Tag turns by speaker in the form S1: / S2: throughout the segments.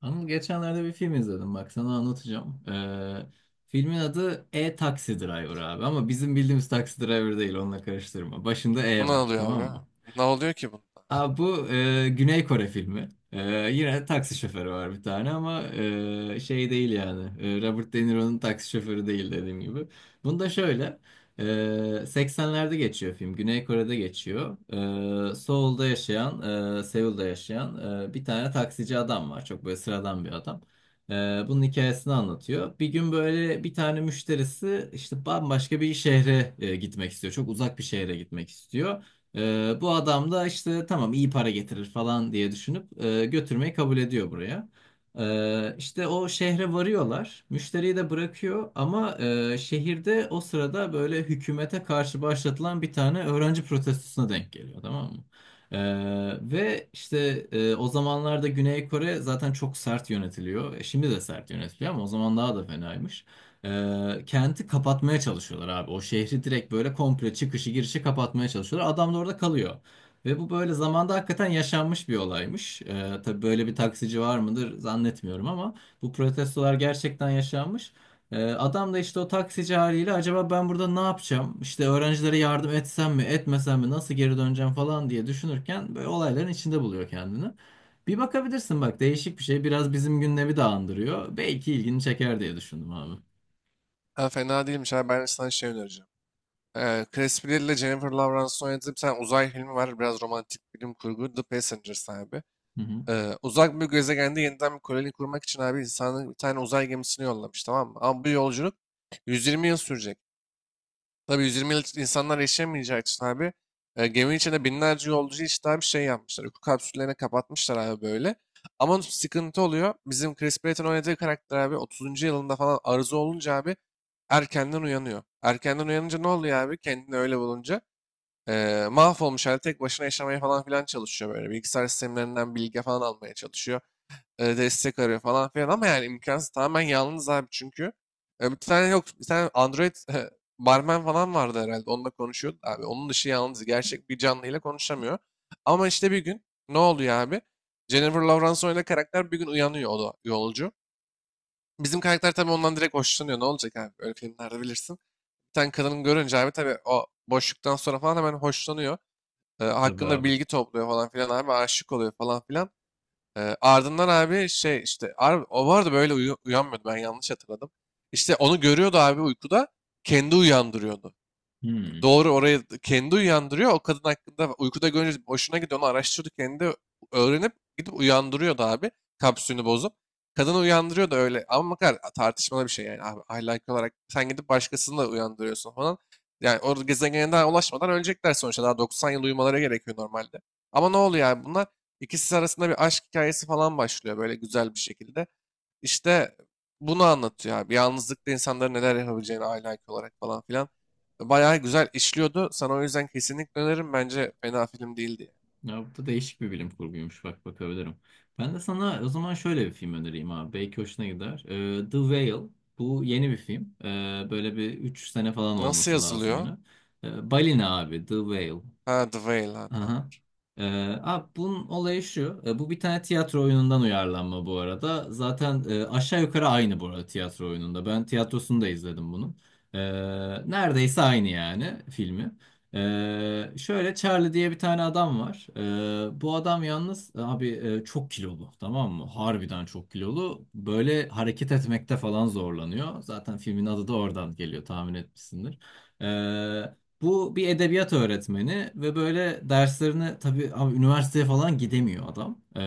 S1: Anıl geçenlerde bir film izledim bak sana anlatacağım. Filmin adı E Taxi Driver abi ama bizim bildiğimiz Taxi Driver değil onunla karıştırma. Başında
S2: Buna
S1: E
S2: ne
S1: var
S2: oluyor
S1: tamam
S2: abi?
S1: mı?
S2: Ne oluyor ki bunda?
S1: Abi bu Güney Kore filmi. Yine taksi şoförü var bir tane ama şey değil yani. Robert De Niro'nun taksi şoförü değil dediğim gibi. Bunda şöyle. e, 80'lerde geçiyor film. Güney Kore'de geçiyor. Seul'da Seul'da yaşayan bir tane taksici adam var. Çok böyle sıradan bir adam. E, Bunun hikayesini anlatıyor. Bir gün böyle bir tane müşterisi işte bambaşka bir şehre gitmek istiyor. Çok uzak bir şehre gitmek istiyor. Bu adam da işte tamam iyi para getirir falan diye düşünüp götürmeyi kabul ediyor buraya. İşte o şehre varıyorlar. Müşteriyi de bırakıyor ama şehirde o sırada böyle hükümete karşı başlatılan bir tane öğrenci protestosuna denk geliyor tamam mı? Ee, Ve işte o zamanlarda Güney Kore zaten çok sert yönetiliyor. E, Şimdi de sert yönetiliyor ama o zaman daha da fenaymış. Kenti kapatmaya çalışıyorlar abi. O şehri direkt böyle komple çıkışı girişi kapatmaya çalışıyorlar. Adam da orada kalıyor. Ve bu böyle zamanda hakikaten yaşanmış bir olaymış. Tabii böyle bir taksici var mıdır zannetmiyorum ama bu protestolar gerçekten yaşanmış. Adam da işte o taksici haliyle acaba ben burada ne yapacağım? İşte öğrencilere yardım etsem mi, etmesem mi, nasıl geri döneceğim falan diye düşünürken böyle olayların içinde buluyor kendini. Bir bakabilirsin bak değişik bir şey. Biraz bizim gündemi de andırıyor. Belki ilgini çeker diye düşündüm abi.
S2: Ha, fena değilmiş abi. Ben sana şey önereceğim. Chris Pratt ile Jennifer Lawrence'ın oynadığı bir tane uzay filmi var. Biraz romantik bilim kurgu. The Passengers abi.
S1: Hı hı.
S2: Uzak bir gezegende yeniden bir koloni kurmak için abi insanın bir tane uzay gemisini yollamış, tamam mı? Ama bu yolculuk 120 yıl sürecek. Tabii 120 yıl insanlar yaşayamayacağı için abi geminin içinde binlerce yolcu işte abi şey yapmışlar. Uyku kapsüllerine kapatmışlar abi böyle. Ama sıkıntı oluyor. Bizim Chris Pratt'ın oynadığı karakter abi 30. yılında falan arıza olunca abi erkenden uyanıyor. Erkenden uyanınca ne oluyor abi? Kendini öyle bulunca mahvolmuş halde tek başına yaşamaya falan filan çalışıyor böyle. Bilgisayar sistemlerinden bilgi falan almaya çalışıyor, destek arıyor falan filan ama yani imkansız, tamamen yalnız abi çünkü. E, bir tane yok bir tane Android barman falan vardı herhalde, onunla konuşuyordu abi. Onun dışı yalnız, gerçek bir canlıyla konuşamıyor. Ama işte bir gün ne oluyor abi? Jennifer Lawrence oynadığı karakter bir gün uyanıyor, o da yolcu. Bizim karakter tabii ondan direkt hoşlanıyor. Ne olacak abi? Öyle filmlerde bilirsin. Bir tane kadının görünce abi tabii o boşluktan sonra falan hemen hoşlanıyor. E,
S1: Tabii
S2: hakkında
S1: abi.
S2: bilgi topluyor falan filan abi, aşık oluyor falan filan. Ardından abi şey işte o vardı böyle uyanmıyordu, ben yanlış hatırladım. İşte onu görüyordu abi uykuda, kendi uyandırıyordu.
S1: Hmm.
S2: Doğru, oraya kendi uyandırıyor. O kadın hakkında uykuda görünce hoşuna gidiyor. Onu araştırdı, kendi öğrenip gidip uyandırıyordu abi. Kapsülünü bozup. Kadını uyandırıyordu öyle. Ama bakar, tartışmalı bir şey yani abi. Ahlaki olarak sen gidip başkasını da uyandırıyorsun falan. Yani o gezegene daha ulaşmadan ölecekler sonuçta. Daha 90 yıl uyumaları gerekiyor normalde. Ama ne oluyor yani, bunlar ikisi arasında bir aşk hikayesi falan başlıyor böyle güzel bir şekilde. İşte bunu anlatıyor abi. Yalnızlıkta insanların neler yapabileceğini aile IQ olarak falan filan. Bayağı güzel işliyordu. Sana o yüzden kesinlikle öneririm. Bence fena film değildi.
S1: Ya bu da değişik bir bilim kurguymuş. Bak bakabilirim. Ben de sana o zaman şöyle bir film önereyim abi. Belki hoşuna gider. The Whale. Bu yeni bir film. Böyle bir 3 sene falan
S2: Nasıl
S1: olması lazım
S2: yazılıyor?
S1: yine. Balina abi. The Whale.
S2: Ha, The Whale, ha, tamam.
S1: Aha. Abi bunun olayı şu. Bu bir tane tiyatro oyunundan uyarlanma bu arada. Zaten aşağı yukarı aynı bu arada tiyatro oyununda. Ben tiyatrosunu da izledim bunun. Ee, Neredeyse aynı yani filmi. Şöyle Charlie diye bir tane adam var. Bu adam yalnız abi çok kilolu tamam mı? Harbiden çok kilolu. Böyle hareket etmekte falan zorlanıyor. Zaten filmin adı da oradan geliyor tahmin etmişsindir. Ee, Bu bir edebiyat öğretmeni ve böyle derslerine tabii abi üniversiteye falan gidemiyor adam.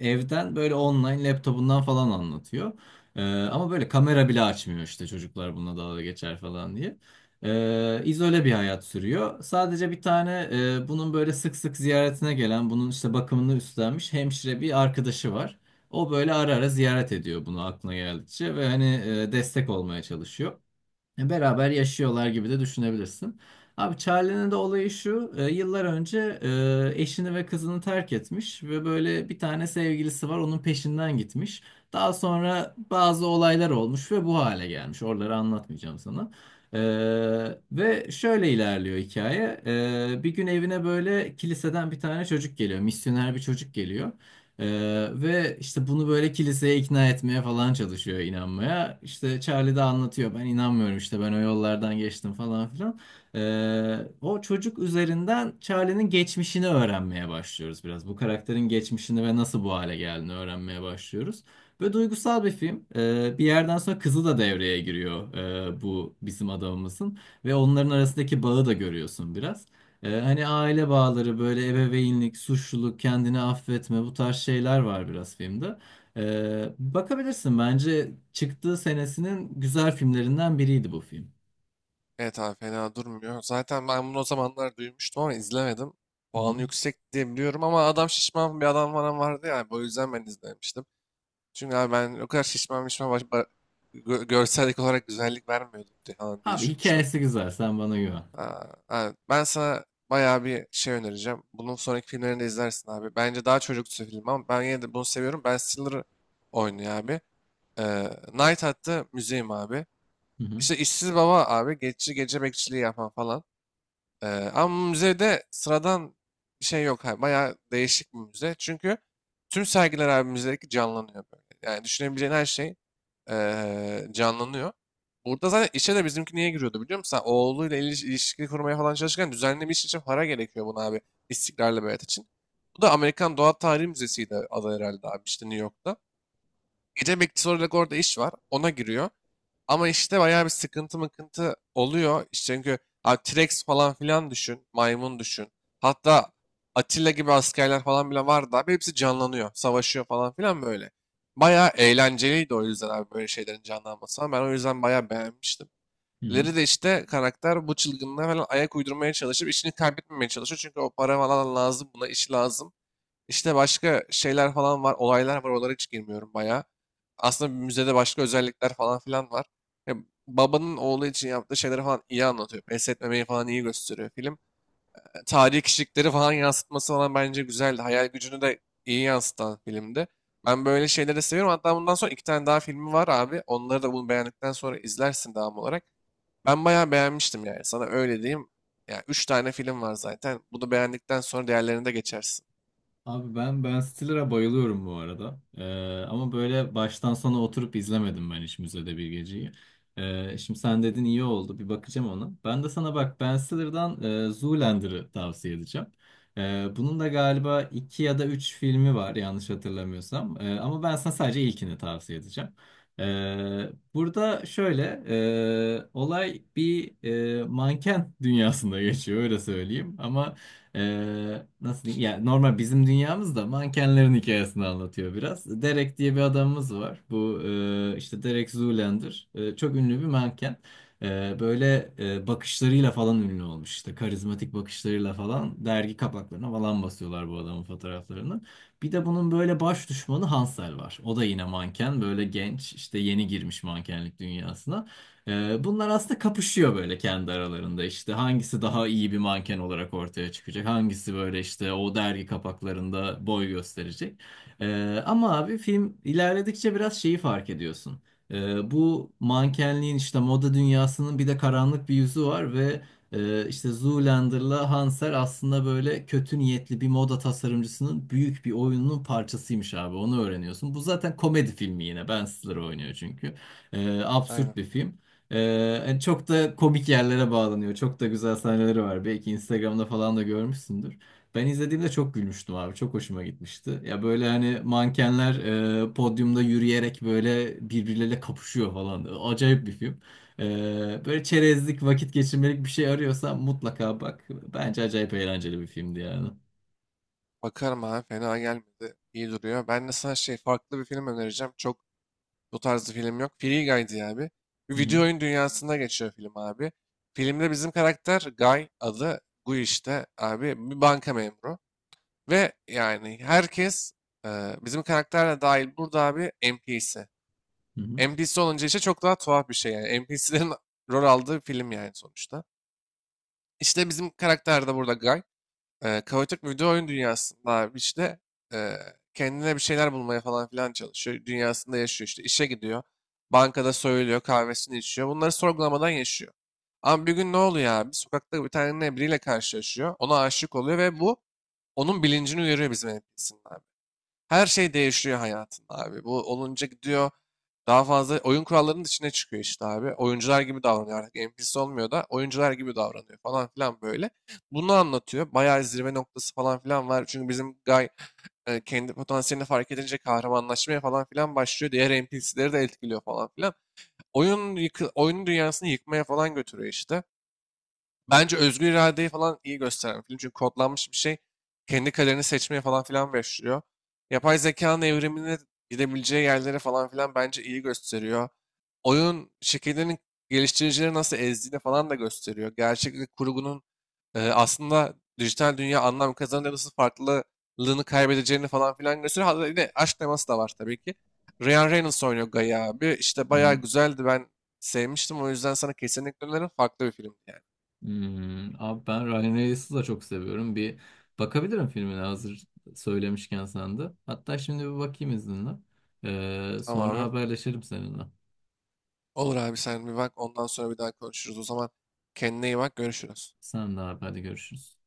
S1: Evden böyle online laptopundan falan anlatıyor. Ama böyle kamera bile açmıyor işte çocuklar bununla dalga geçer falan diye. İzole bir hayat sürüyor. Sadece bir tane bunun böyle sık sık ziyaretine gelen, bunun işte bakımını üstlenmiş hemşire bir arkadaşı var. O böyle ara ara ziyaret ediyor bunu aklına geldikçe ve hani destek olmaya çalışıyor. Beraber yaşıyorlar gibi de düşünebilirsin. Abi Charlie'nin de olayı şu. Yıllar önce eşini ve kızını terk etmiş ve böyle bir tane sevgilisi var onun peşinden gitmiş. Daha sonra bazı olaylar olmuş ve bu hale gelmiş. Oraları anlatmayacağım sana. E, Ve şöyle ilerliyor hikaye. Bir gün evine böyle kiliseden bir tane çocuk geliyor. Misyoner bir çocuk geliyor. Ve işte bunu böyle kiliseye ikna etmeye falan çalışıyor inanmaya. İşte Charlie de anlatıyor ben inanmıyorum işte ben o yollardan geçtim falan filan. O çocuk üzerinden Charlie'nin geçmişini öğrenmeye başlıyoruz biraz. Bu karakterin geçmişini ve nasıl bu hale geldiğini öğrenmeye başlıyoruz. Böyle duygusal bir film. Bir yerden sonra kızı da devreye giriyor bu bizim adamımızın. Ve onların arasındaki bağı da görüyorsun biraz. Hani aile bağları böyle ebeveynlik, suçluluk, kendini affetme bu tarz şeyler var biraz filmde. Bakabilirsin bence çıktığı senesinin güzel filmlerinden biriydi bu film.
S2: Evet abi, fena durmuyor. Zaten ben bunu o zamanlar duymuştum ama izlemedim.
S1: Hı
S2: Puanı
S1: hı.
S2: yüksek diye biliyorum ama adam şişman bir adam falan vardı ya. O yüzden ben izlemiştim. Çünkü abi ben o kadar şişman şişman görsellik olarak güzellik vermiyordu diye, falan diye
S1: Abi
S2: düşünmüştüm.
S1: hikayesi güzel sen bana güven.
S2: Aa, abi, ben sana bayağı bir şey önereceğim. Bunun sonraki filmlerini de izlersin abi. Bence daha çocuksu film ama ben yine de bunu seviyorum. Ben Stiller'ı oynuyor abi. Night At'ta müzeyim abi.
S1: Hı hı.
S2: İşte işsiz baba abi. Geçici gece bekçiliği yapan falan. Ee, Ama müzede sıradan bir şey yok. Abi, bayağı değişik bir müze. Çünkü tüm sergiler abi müzedeki canlanıyor böyle. Yani düşünebileceğin her şey canlanıyor. Burada zaten işe de bizimki niye giriyordu, biliyor musun? Sen oğluyla ilişki kurmaya falan çalışırken düzenli bir iş için para gerekiyor buna abi. İstiklal beyat için. Bu da Amerikan Doğa Tarihi Müzesi'ydi adı herhalde abi, işte New York'ta. Gece bekçisi olarak orada iş var. Ona giriyor. Ama işte bayağı bir sıkıntı mıkıntı oluyor. İşte çünkü abi T-Rex falan filan düşün. Maymun düşün. Hatta Atilla gibi askerler falan bile var da abi, hepsi canlanıyor. Savaşıyor falan filan böyle. Bayağı eğlenceliydi o yüzden abi, böyle şeylerin canlanması falan. Ben o yüzden bayağı beğenmiştim.
S1: Hı hı.
S2: Leri de işte karakter bu çılgınlığa falan ayak uydurmaya çalışıp işini kaybetmemeye çalışıyor. Çünkü o para falan lazım buna, iş lazım. İşte başka şeyler falan var, olaylar var. Oralara hiç girmiyorum bayağı. Aslında bir müzede başka özellikler falan filan var. Ya, babanın oğlu için yaptığı şeyleri falan iyi anlatıyor. Pes etmemeyi falan iyi gösteriyor film. E, tarihi kişilikleri falan yansıtması falan bence güzeldi. Hayal gücünü de iyi yansıtan filmdi. Ben böyle şeyleri seviyorum. Hatta bundan sonra iki tane daha filmi var abi. Onları da bunu beğendikten sonra izlersin devam olarak. Ben bayağı beğenmiştim yani. Sana öyle diyeyim. Yani üç tane film var zaten. Bunu beğendikten sonra diğerlerine de geçersin.
S1: Abi ben Ben Stiller'a bayılıyorum bu arada. Ama böyle baştan sona oturup izlemedim ben hiç Müzede Bir Geceyi. Şimdi sen dedin iyi oldu bir bakacağım ona. Ben de sana bak Ben Stiller'dan Zoolander'ı tavsiye edeceğim. Bunun da galiba iki ya da üç filmi var yanlış hatırlamıyorsam. Ama ben sana sadece ilkini tavsiye edeceğim. Burada şöyle olay bir manken dünyasında geçiyor öyle söyleyeyim. Ama nasıl diyeyim? Yani normal bizim dünyamızda mankenlerin hikayesini anlatıyor biraz. Derek diye bir adamımız var. Bu işte Derek Zoolander. Çok ünlü bir manken. Böyle bakışlarıyla falan ünlü olmuş. İşte karizmatik bakışlarıyla falan dergi kapaklarına falan basıyorlar bu adamın fotoğraflarını. Bir de bunun böyle baş düşmanı Hansel var. O da yine manken. Böyle genç işte yeni girmiş mankenlik dünyasına. Bunlar aslında kapışıyor böyle kendi aralarında işte hangisi daha iyi bir manken olarak ortaya çıkacak hangisi böyle işte o dergi kapaklarında boy gösterecek. Ama abi film ilerledikçe biraz şeyi fark ediyorsun. Bu mankenliğin işte moda dünyasının bir de karanlık bir yüzü var ve işte Zoolander'la Hanser aslında böyle kötü niyetli bir moda tasarımcısının büyük bir oyununun parçasıymış abi onu öğreniyorsun bu zaten komedi filmi yine Ben Stiller oynuyor çünkü absürt
S2: Aynen.
S1: bir film, hani çok da komik yerlere bağlanıyor. Çok da güzel sahneleri var. Belki Instagram'da falan da görmüşsündür. Ben izlediğimde çok gülmüştüm abi. Çok hoşuma gitmişti. Ya böyle hani mankenler podyumda yürüyerek böyle birbirleriyle kapışıyor falan. Acayip bir film. Böyle çerezlik, vakit geçirmelik bir şey arıyorsan mutlaka bak. Bence acayip eğlenceli bir filmdi yani.
S2: Bakarım abi, fena gelmedi. İyi duruyor. Ben de sana şey farklı bir film önereceğim. Çok bu tarzı film yok. Free Guy diye abi. Bir
S1: Hı hı.
S2: video oyun dünyasında geçiyor film abi. Filmde bizim karakter Guy, adı Guy, işte abi bir banka memuru. Ve yani herkes, bizim karakterle dahil, burada abi NPC.
S1: Hı hı.
S2: NPC olunca işte çok daha tuhaf bir şey yani. NPC'lerin rol aldığı film yani sonuçta. İşte bizim karakter de burada Guy. E, kaotik bir video oyun dünyasında abi işte e, kendine bir şeyler bulmaya falan filan çalışıyor. Dünyasında yaşıyor, işte işe gidiyor. Bankada soyuluyor, kahvesini içiyor. Bunları sorgulamadan yaşıyor. Ama bir gün ne oluyor abi? Sokakta bir tane biriyle karşılaşıyor. Ona aşık oluyor ve bu onun bilincini uyarıyor, bizim NPC'nin her şey değişiyor hayatında abi. Bu olunca gidiyor, daha fazla oyun kurallarının içine çıkıyor işte abi. Oyuncular gibi davranıyor artık. NPC olmuyor da oyuncular gibi davranıyor falan filan böyle. Bunu anlatıyor. Bayağı zirve noktası falan filan var. Çünkü bizim Guy kendi potansiyelini fark edince kahramanlaşmaya falan filan başlıyor. Diğer NPC'leri de etkiliyor falan filan. Oyun yıkı, oyunun dünyasını yıkmaya falan götürüyor işte. Bence özgür iradeyi falan iyi gösteren bir film. Çünkü kodlanmış bir şey kendi kaderini seçmeye falan filan başlıyor. Yapay zekanın evrimine gidebileceği yerlere falan filan bence iyi gösteriyor. Oyun şirketlerinin geliştiricileri nasıl ezdiğini falan da gösteriyor. Gerçeklik kurgunun aslında dijital dünya anlam kazanınca nasıl farklılığını kaybedeceğini falan filan gösteriyor. Hatta yine aşk teması da var tabii ki. Ryan Reynolds oynuyor Gaia abi. İşte
S1: Hı
S2: bayağı
S1: hı.
S2: güzeldi. Ben sevmiştim. O yüzden sana kesinlikle öneririm. Farklı bir film yani.
S1: Hmm, abi ben Ryan Reynolds'ı da çok seviyorum. Bir bakabilirim filmine hazır söylemişken sen de. Hatta şimdi bir bakayım izninle.
S2: Tamam
S1: Sonra
S2: abi.
S1: haberleşelim seninle.
S2: Olur abi, sen bir bak, ondan sonra bir daha konuşuruz. O zaman kendine iyi bak, görüşürüz.
S1: Sen de abi hadi görüşürüz.